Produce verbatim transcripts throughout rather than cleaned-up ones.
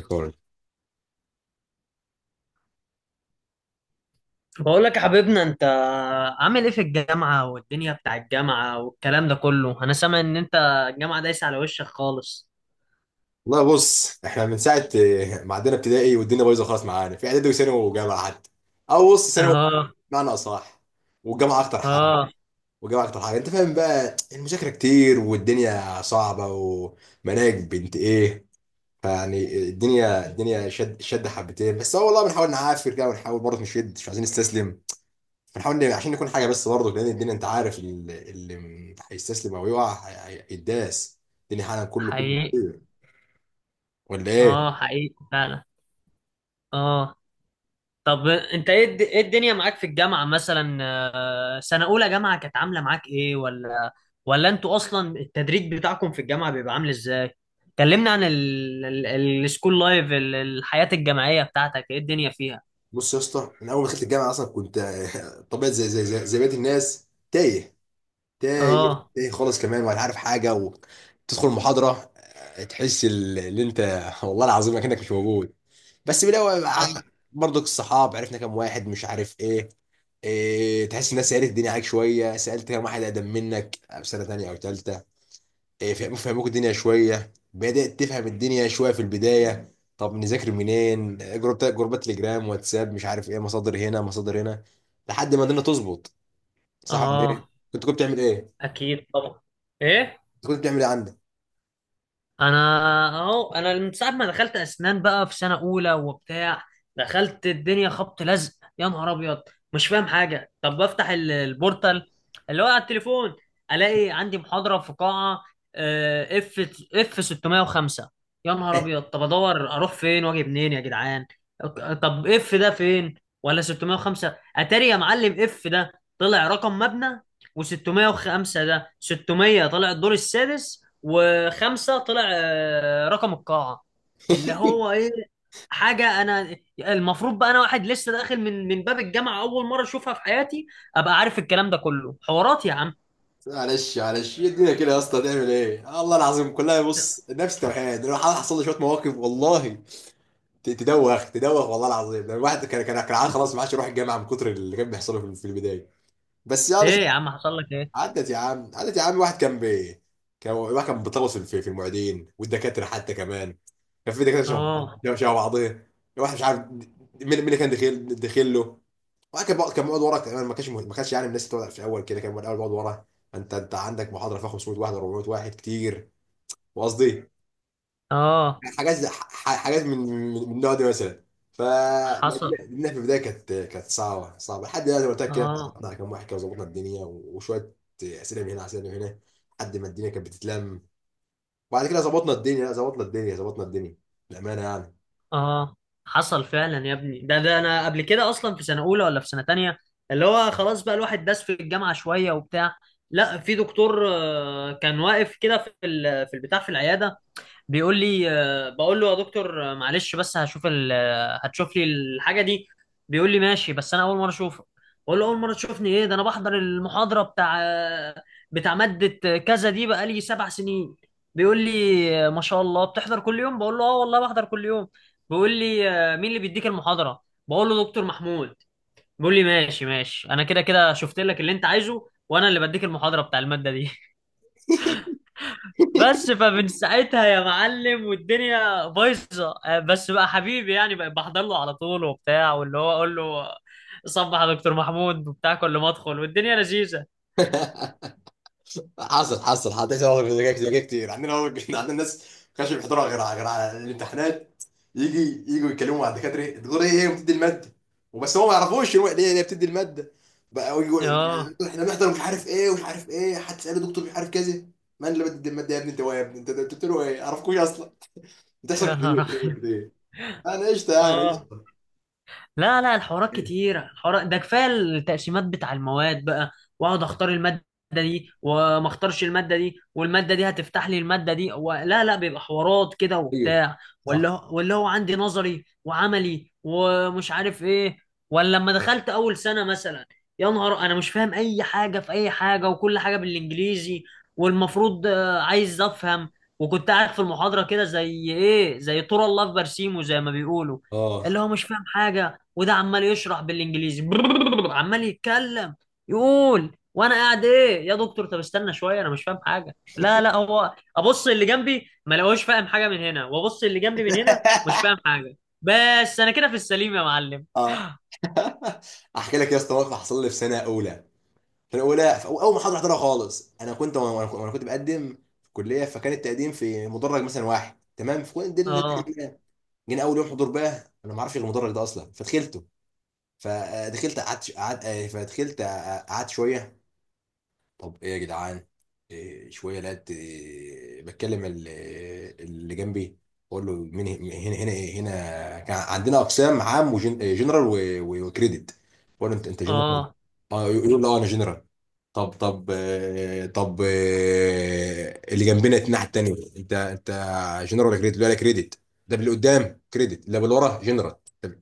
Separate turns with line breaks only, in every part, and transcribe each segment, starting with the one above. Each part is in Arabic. ريكورد.
بقول لك يا حبيبنا، انت عامل ايه في الجامعة؟ والدنيا بتاع الجامعة والكلام ده كله، انا سامع ان انت الجامعة دايسة على وشك خالص.
والله بص احنا من ساعه آه، ما عدينا ابتدائي والدنيا بايظه خالص معانا في اعدادي وثانوي وجامعه حتى. او بص ثانوي
اه.
معنى اصح. والجامعه اكتر حاجه.
اه،
والجامعه اكتر حاجه انت فاهم بقى المذاكره كتير والدنيا صعبه ومناهج بنت ايه. فيعني الدنيا الدنيا شد شد حبتين بس هو والله بنحاول نعافر كده ونحاول برضه نشد مش عايزين نستسلم. بنحاول ن- عشان نكون حاجه بس برضه لان الدنيا انت عارف اللي, اللي هيستسلم او يقع هي- هي- هيداس الدنيا حالا كله كله
حقيقي.
كتير، ولا ايه؟
اه، حقيقي فعلا. اه. طب انت ايه الد- ايه الدنيا معاك في الجامعة مثلا؟ آه، سنة اولى جامعة كانت عاملة معاك ايه، ولا ولا انتوا اصلا التدريج بتاعكم في الجامعة بيبقى عامل ازاي؟ كلمنا عن ال- ال- ال- السكول لايف، ال- الحياة الجامعية بتاعتك ايه الدنيا فيها؟
بص يا اسطى انا اول ما دخلت الجامعه اصلا كنت آه، طبيعي زي زي زي, زي بقيه الناس تايه. تايه
اه.
تايه خالص كمان ولا عارف حاجه وتدخل المحاضره، آه، تحس ال- اللي انت والله العظيم انك مش موجود. بس بالاول ع-
حصل.
برضك الصحاب عرفنا كام واحد مش عارف ايه, إيه، تحس الناس سالت الدنيا عليك شويه سالت كام واحد اقدم منك آه، في سنه تانيه او تالته. إيه، فهم- فهموك الدنيا شويه بدات تفهم الدنيا شويه في البدايه. طب نذاكر منين؟ جروبات جروبات تليجرام واتساب مش عارف ايه، مصادر هنا مصادر هنا لحد ما الدنيا تظبط. صح ولا ايه؟
اه،
كنت كنت بتعمل ايه؟
اكيد طبعا. ايه.
كنت كنت بتعمل ايه عندك؟
انا اهو، انا من ساعه ما دخلت اسنان بقى في سنه اولى وبتاع، دخلت الدنيا خبط لزق. يا نهار ابيض! مش فاهم حاجه. طب بفتح ال- البورتال، اللي هو على التليفون، الاقي عندي محاضره في قاعه اف اف ستمية وخمسة. يا نهار ابيض! طب ادور اروح فين واجي منين يا جدعان؟ أك- طب اف ده فين؟ ولا ستمية وخمسة؟ اتاري يا معلم اف ده طلع رقم مبنى، و605 ده ستمية طلع الدور السادس، وخمسة طلع آه، رقم القاعة. اللي هو ايه حاجة؟ انا المفروض بقى انا واحد لسه داخل من من باب الجامعة اول مرة اشوفها في حياتي، ابقى عارف الكلام ده كله؟ حوارات يا عم.
معلش معلش، هي الدنيا كده يا اسطى، هتعمل ايه؟ الله العظيم كلها بص نفس توحيد. انا حصل لي شويه مواقف والله. ت- تدوخ تدوخ والله العظيم، ده الواحد كان كان كان عاد خلاص ما عادش يروح الجامعه من كتر اللي كان بيحصله في في البدايه، بس يعني.
ايه يا عم، حصل لك ايه؟
عدت يا عم عدت يا عم. واحد كان بي، كان واحد كان بيطغوص في في المعيدين والدكاتره حتى كمان. كان في دكاتره شبه
اه.
شبه شبه بعضيه، واحد مش عارف مين. مين اللي كان دخيل دخيل له. واحد كان بيقعد- كان بيقعد ورا كمان، ما كانش مه- ما كانش يعني من الناس اللي بتقعد في الاول كده. كان بيقعد- الاول بيقعد ورا. انت انت عندك محاضره فيها خمسمية واحد، اربعمية واحد كتير. وقصدي
اه،
حاجات زي- ح- حاجات من من من النوع ده مثلا. ف
حصل.
لأن في البدايه كانت كانت صعبه صعبه. لحد دلوقتي قلت لك كده
اه.
اتعرفنا على كام واحد كده وظبطنا الدنيا وشويه اسئله من هنا اسئله من هنا لحد ما الدنيا كانت بتتلم. وبعد كده ظبطنا الدنيا، لا، ظبطنا الدنيا ظبطنا الدنيا بامانه يعني.
اه، حصل فعلا يا ابني. ده ده انا قبل كده اصلا في سنة اولى ولا في سنة تانية، اللي هو خلاص بقى الواحد داس في الجامعة شوية وبتاع، لا في دكتور آه، كان واقف كده في ال- في البتاع، في العيادة، بيقول لي آه، بقول له: يا دكتور آه، معلش بس هشوف ال... آه، هتشوف لي الحاجه دي. بيقول لي: ماشي، بس انا اول مره اشوفك. بقول له: اول مره تشوفني؟ ايه ده، انا بحضر المحاضره بتاع آه، بتاع ماده آه، كذا دي بقالي سبع سنين. بيقول لي: آه، ما شاء الله بتحضر كل يوم؟ بقول له: اه والله بحضر كل يوم. بيقول لي: آه، مين اللي بيديك المحاضره؟ بقول له: دكتور محمود. بيقول لي: ماشي ماشي، انا كده كده شفت لك اللي انت عايزه، وانا اللي بديك المحاضره بتاع الماده دي. بس فمن ساعتها يا معلم والدنيا بايظه، آه، بس بقى حبيبي، يعني بقى بحضر له على طول وبتاع، واللي هو اقول له: صبح يا دكتور محمود وبتاع، كل ما ادخل والدنيا لذيذه.
حصل، حصل، حطيت مواقف زي كده زي كده كتير. عندنا مواقف عندنا ناس ما كانش بيحضروا غير على، غير على الامتحانات. يجي يجوا يتكلموا مع الدكاتره تقول ايه هي بتدي الماده، وبس هم ما يعرفوش هو ليه هي بتدي الماده. بقى يجوا
اه،
احنا بنحضر مش عارف ايه ومش عارف ايه. حد سأله دكتور مش عارف كذا من اللي بتدي الماده يا ابني انت؟ هو يا ابني انت، أنت بتقول له ايه؟ عرفكوش اصلا. بتحصل
يا نهار
كتير بتحصل
أبيض.
كتير. انا قشطه يعني
اه.
قشطه.
لا لا، الحوارات كتيرة، الحوارات ده كفاية. التقسيمات بتاع المواد بقى، واقعد اختار المادة دي، وما اختارش المادة دي، والمادة دي هتفتح لي المادة دي و... لا لا، بيبقى حوارات كده
ايوه.
وبتاع.
صح.
ولا هو- ولا هو عندي نظري وعملي ومش عارف ايه. ولا لما دخلت اول سنة مثلا، يا نهار انا مش فاهم اي حاجة في اي حاجة، وكل حاجة بالانجليزي. والمفروض آه، عايز افهم. وكنت قاعد في المحاضرة كده زي ايه، زي طور الله في برسيمه زي ما بيقولوا،
اه.
اللي هو مش فاهم حاجة. وده عمال يشرح بالانجليزي. عمال يتكلم، يقول وانا قاعد: ايه يا دكتور؟ طب استنى شويه، انا مش فاهم حاجه. لا لا، هو ابص اللي جنبي ما لقوش فاهم حاجه من هنا، وابص اللي جنبي من هنا مش فاهم حاجه. بس انا كده في السليم يا معلم.
اه. احكي لك يا اسطى موقف حصل لي في سنه اولى. في الاولى، في أو- اول محاضره احضرها خالص، انا كنت وانا وأنا- وأنا كنت بقدم في الكليه، فكان التقديم في مدرج مثلا واحد، تمام؟ فكنت دي اللي
اه.
دخلناها. جينا اول يوم حضور بقى انا ما اعرفش المدرج ده اصلا، فدخلته. فدخلت قعدت قعدت آه، فدخلت آه، قعدت شويه. طب ايه يا جدعان؟ إيه، شويه لقيت، إيه، بتكلم ال- اللي جنبي. بقول له مين هنا؟ هنا هنا إيه؟ هنا كان عندنا اقسام عام وجنرال وكريدت. بقول له انت انت جنرال؟
اه،
اه يقول له اه انا جنرال. طب طب آه، طب آه، اللي جنبنا الناحيه التانيه انت انت جنرال ولا كريدت؟ ولا كريدت؟ ده اللي قدام كريدت اللي بالورا جنرال؟ طب.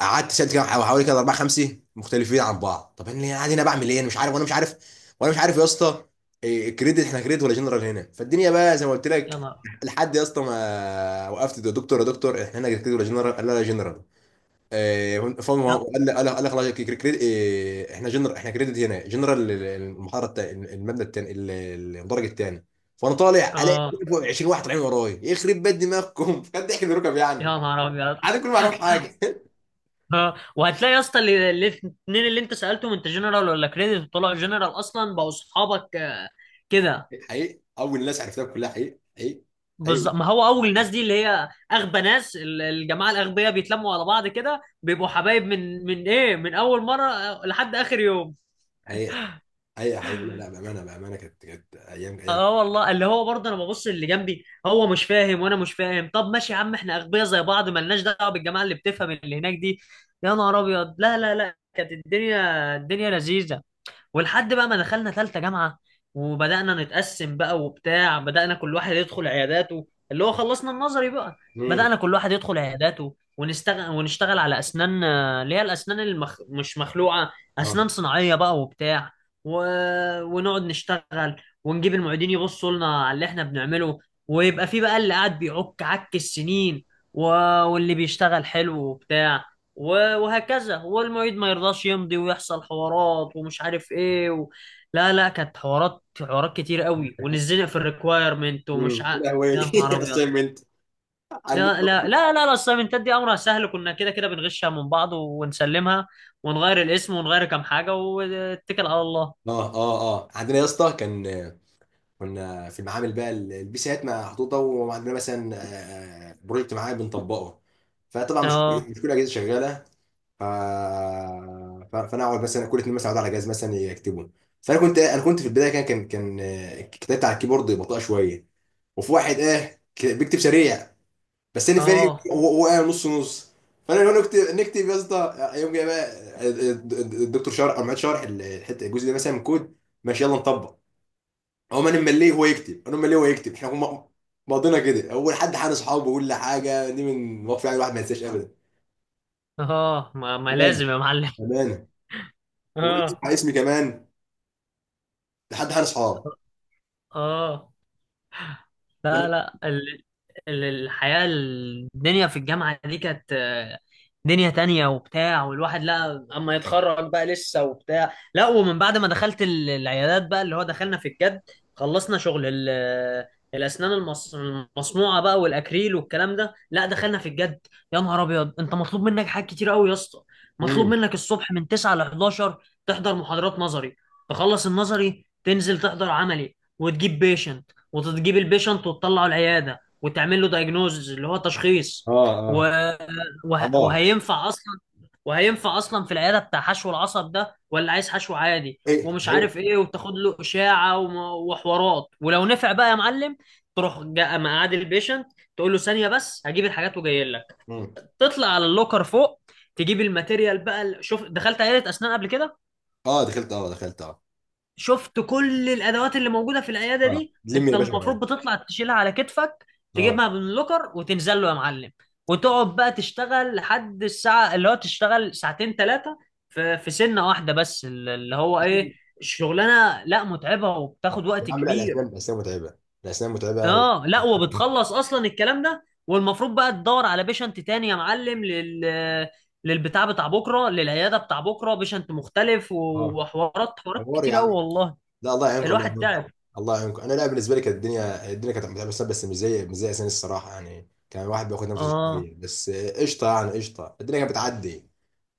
قعدت سالت كده حوالي كده اربعه خمسه مختلفين عن بعض. طب انا قاعد هنا بعمل ايه؟ انا مش عارف وانا مش عارف وانا مش عارف يا اسطى إيه، كريدت احنا، كريدت ولا جنرال هنا؟ فالدنيا بقى زي ما قلت
يا
لك.
نهار.
لحد يا اسطى ما وقفت ده دكتور، يا دكتور احنا هنا كريدت ولا جنرال؟ قال لا لا جنرال. آه، فاهم. هو
يا-
قال لي- قال لي- قال لي خلاص، كي- كي- كريد- آه، احنا جنرال، احنا كريدت هنا جنرال ال- ال- المحاره التا- المبنى الثاني، الدرج الثاني. فانا طالع الاقي
اه،
فوق عشرين واحد طالعين ورايا، يخرب بيت دماغكم كان ضحك من الركب
يا
يعني.
نهار ابيض.
انا كل ما اعرف حاجه
اه، وهتلاقي يا اسطى اللي- اللي- الاثنين اللي انت سالتهم انت جنرال ولا كريدت، طلعوا جنرال اصلا، بقوا اصحابك آه، كده.
حقيقي اول ناس عرفتها كلها حقيقي حقيقي. حقيقي
بالظبط، ما هو اول الناس دي اللي هي اغبى ناس، ال- الجماعه الاغبياء بيتلموا على بعض كده بيبقوا حبايب من من ايه، من اول مره آه، لحد اخر يوم.
حقيقي حقيقي حقيقي لا لا بامانه بامانه كانت كانت ايام
اه،
ايام.
آه، والله اللي هو برضه انا ببص اللي جنبي هو مش فاهم وانا مش فاهم. طب ماشي يا عم، احنا اغبياء زي بعض، مالناش دعوه بالجماعه اللي بتفهم اللي هناك دي. يا نهار ابيض. لا لا لا، كانت الدنيا الدنيا لذيذه. ولحد بقى ما دخلنا ثالثه جامعه، وبدانا نتقسم بقى وبتاع، بدانا كل واحد يدخل عياداته، اللي هو خلصنا النظري بقى.
امم.
بدانا كل واحد يدخل عياداته ونشتغل، ونشتغل على اسنان آه، اللي هي الاسنان المخ... مش مخلوعه، اسنان
اه.
صناعيه بقى وبتاع. و... ونقعد نشتغل، ونجيب المعيدين يبصوا لنا على اللي احنا بنعمله، ويبقى في بقى اللي قاعد بيعك عك السنين، و... واللي بيشتغل حلو وبتاع، و- وهكذا. والمعيد ما يرضاش يمضي، ويحصل حوارات ومش عارف ايه و... لا لا، كانت حوارات حوارات كتير قوي، ونزلنا في الريكوايرمنت ومش
امم
ع...
يا لهوي
يا نهار ابيض.
اسايمنت.
يا لا لا لا، الاسايمنتات دي امرها سهل، كنا كده كده بنغشها من بعض ونسلمها، ونغير الاسم ونغير كام حاجة واتكل على الله.
اه اه اه. عندنا يا اسطى كان، كنا في المعامل بقى ال- البيسات محطوطه وعندنا مثلا آه، آه، بروجكت معين بنطبقه. فطبعا مش كل
اه.
مش كل الاجهزه شغاله. ف... ف- فانا اقعد مثلا كل اتنين مثلا اقعد على جهاز مثلا يكتبوا. فانا كنت انا كنت في البدايه كان كان كان آه، كتابت على الكيبورد بطيئه شويه. وفي واحد اه ك- بيكتب سريع، بس انا فاهم
اه.
هو هو قاعد نص نص. فانا لو نكتب نكتب يا اسطى، يوم جاي بقى الدكتور شرح او معيد شرح الحته الجزء ده مثلا من كود، ماشي يلا نطبق. هو ما انا مليه هو يكتب انا مليه هو يكتب احنا هم- ماضينا كده. اول حد حان اصحابه ولا حاجه، دي من مواقف يعني الواحد ما ينساش ابدا.
اه، ما, ما
امانه
لازم يا معلم.
امانه. وغير
اه.
اسمي اسمي كمان لحد حان اصحاب.
اه. لا
وأنا-
لا، ال- ال- الحياة الدنيا في الجامعة دي كانت آه، دنيا تانية وبتاع، والواحد لا اما يتخرج بقى لسه وبتاع، لا. ومن بعد ما دخلت ال- العيادات بقى، اللي هو دخلنا في الجد، خلصنا شغل ال- الاسنان المص- المصنوعة بقى والاكريل والكلام ده، لا دخلنا في الجد. يا نهار ابيض! انت مطلوب منك حاجات كتير قوي يا اسطى. مطلوب
امم.
منك الصبح من تسعة ل حداشر تحضر محاضرات نظري، تخلص النظري تنزل تحضر عملي وتجيب بيشنت، وتجيب البيشنت وتطلعه العياده، وتعمل له دايجنوز اللي هو
اه
تشخيص، و...
اه
وه...
اه.
وهينفع اصلا، وهينفع اصلا في العياده بتاع حشو العصب ده ولا عايز حشو عادي
ايه
ومش
ايه.
عارف ايه، وتاخد له اشاعه وم... وحوارات، ولو نفع بقى يا معلم تروح جا مقعد البيشنت، تقول له: ثانيه بس هجيب الحاجات وجاي لك.
امم.
تطلع على اللوكر فوق، تجيب الماتيريال بقى. شوف، دخلت عياده اسنان قبل كده؟
اه دخلت اه دخلت اه.
شفت كل الادوات اللي موجوده في العياده
اه
دي؟
لم
انت
يا باشا
المفروض
معايا.
بتطلع تشيلها على كتفك،
اه.
تجيبها من اللوكر وتنزل له يا معلم. وتقعد بقى تشتغل لحد الساعه، اللي هو تشتغل ساعتين ثلاثه، في في سنه واحده بس، اللي هو ايه؟ الشغلانه لا متعبه وبتاخد
يا
وقت
عم لا
كبير.
الاسنان الاسنان متعبه. الاسنان متعبه و...
اه، لا وبتخلص اصلا الكلام ده، والمفروض بقى تدور على بيشنت تاني يا معلم، لل للبتاع بتاع بكره، للعياده بتاع بكره بيشنت مختلف،
اه.
وحوارات حوارات
حوار يا
كتير قوي
عم.
والله.
لا الله يعينكم الله
الواحد
يعينكم.
تعب.
الله يعينكم. انا لا بالنسبه لي كانت الدنيا، الدنيا كانت متعبه بس، بس مش زي مش زي اسامي الصراحه يعني. كان الواحد بياخد نفسه
اه.
شويه بس، آه، قشطه يعني قشطه، الدنيا كانت بتعدي.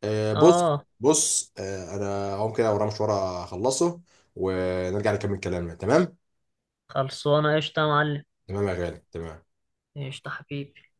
آه، بص.
اه،
بص آه، انا هقوم كده ورا مشوار اخلصه ونرجع نكمل كلامنا، تمام؟
خلصانه قشطه يا معلم.
تمام يا غالي تمام.
قشطه حبيبي.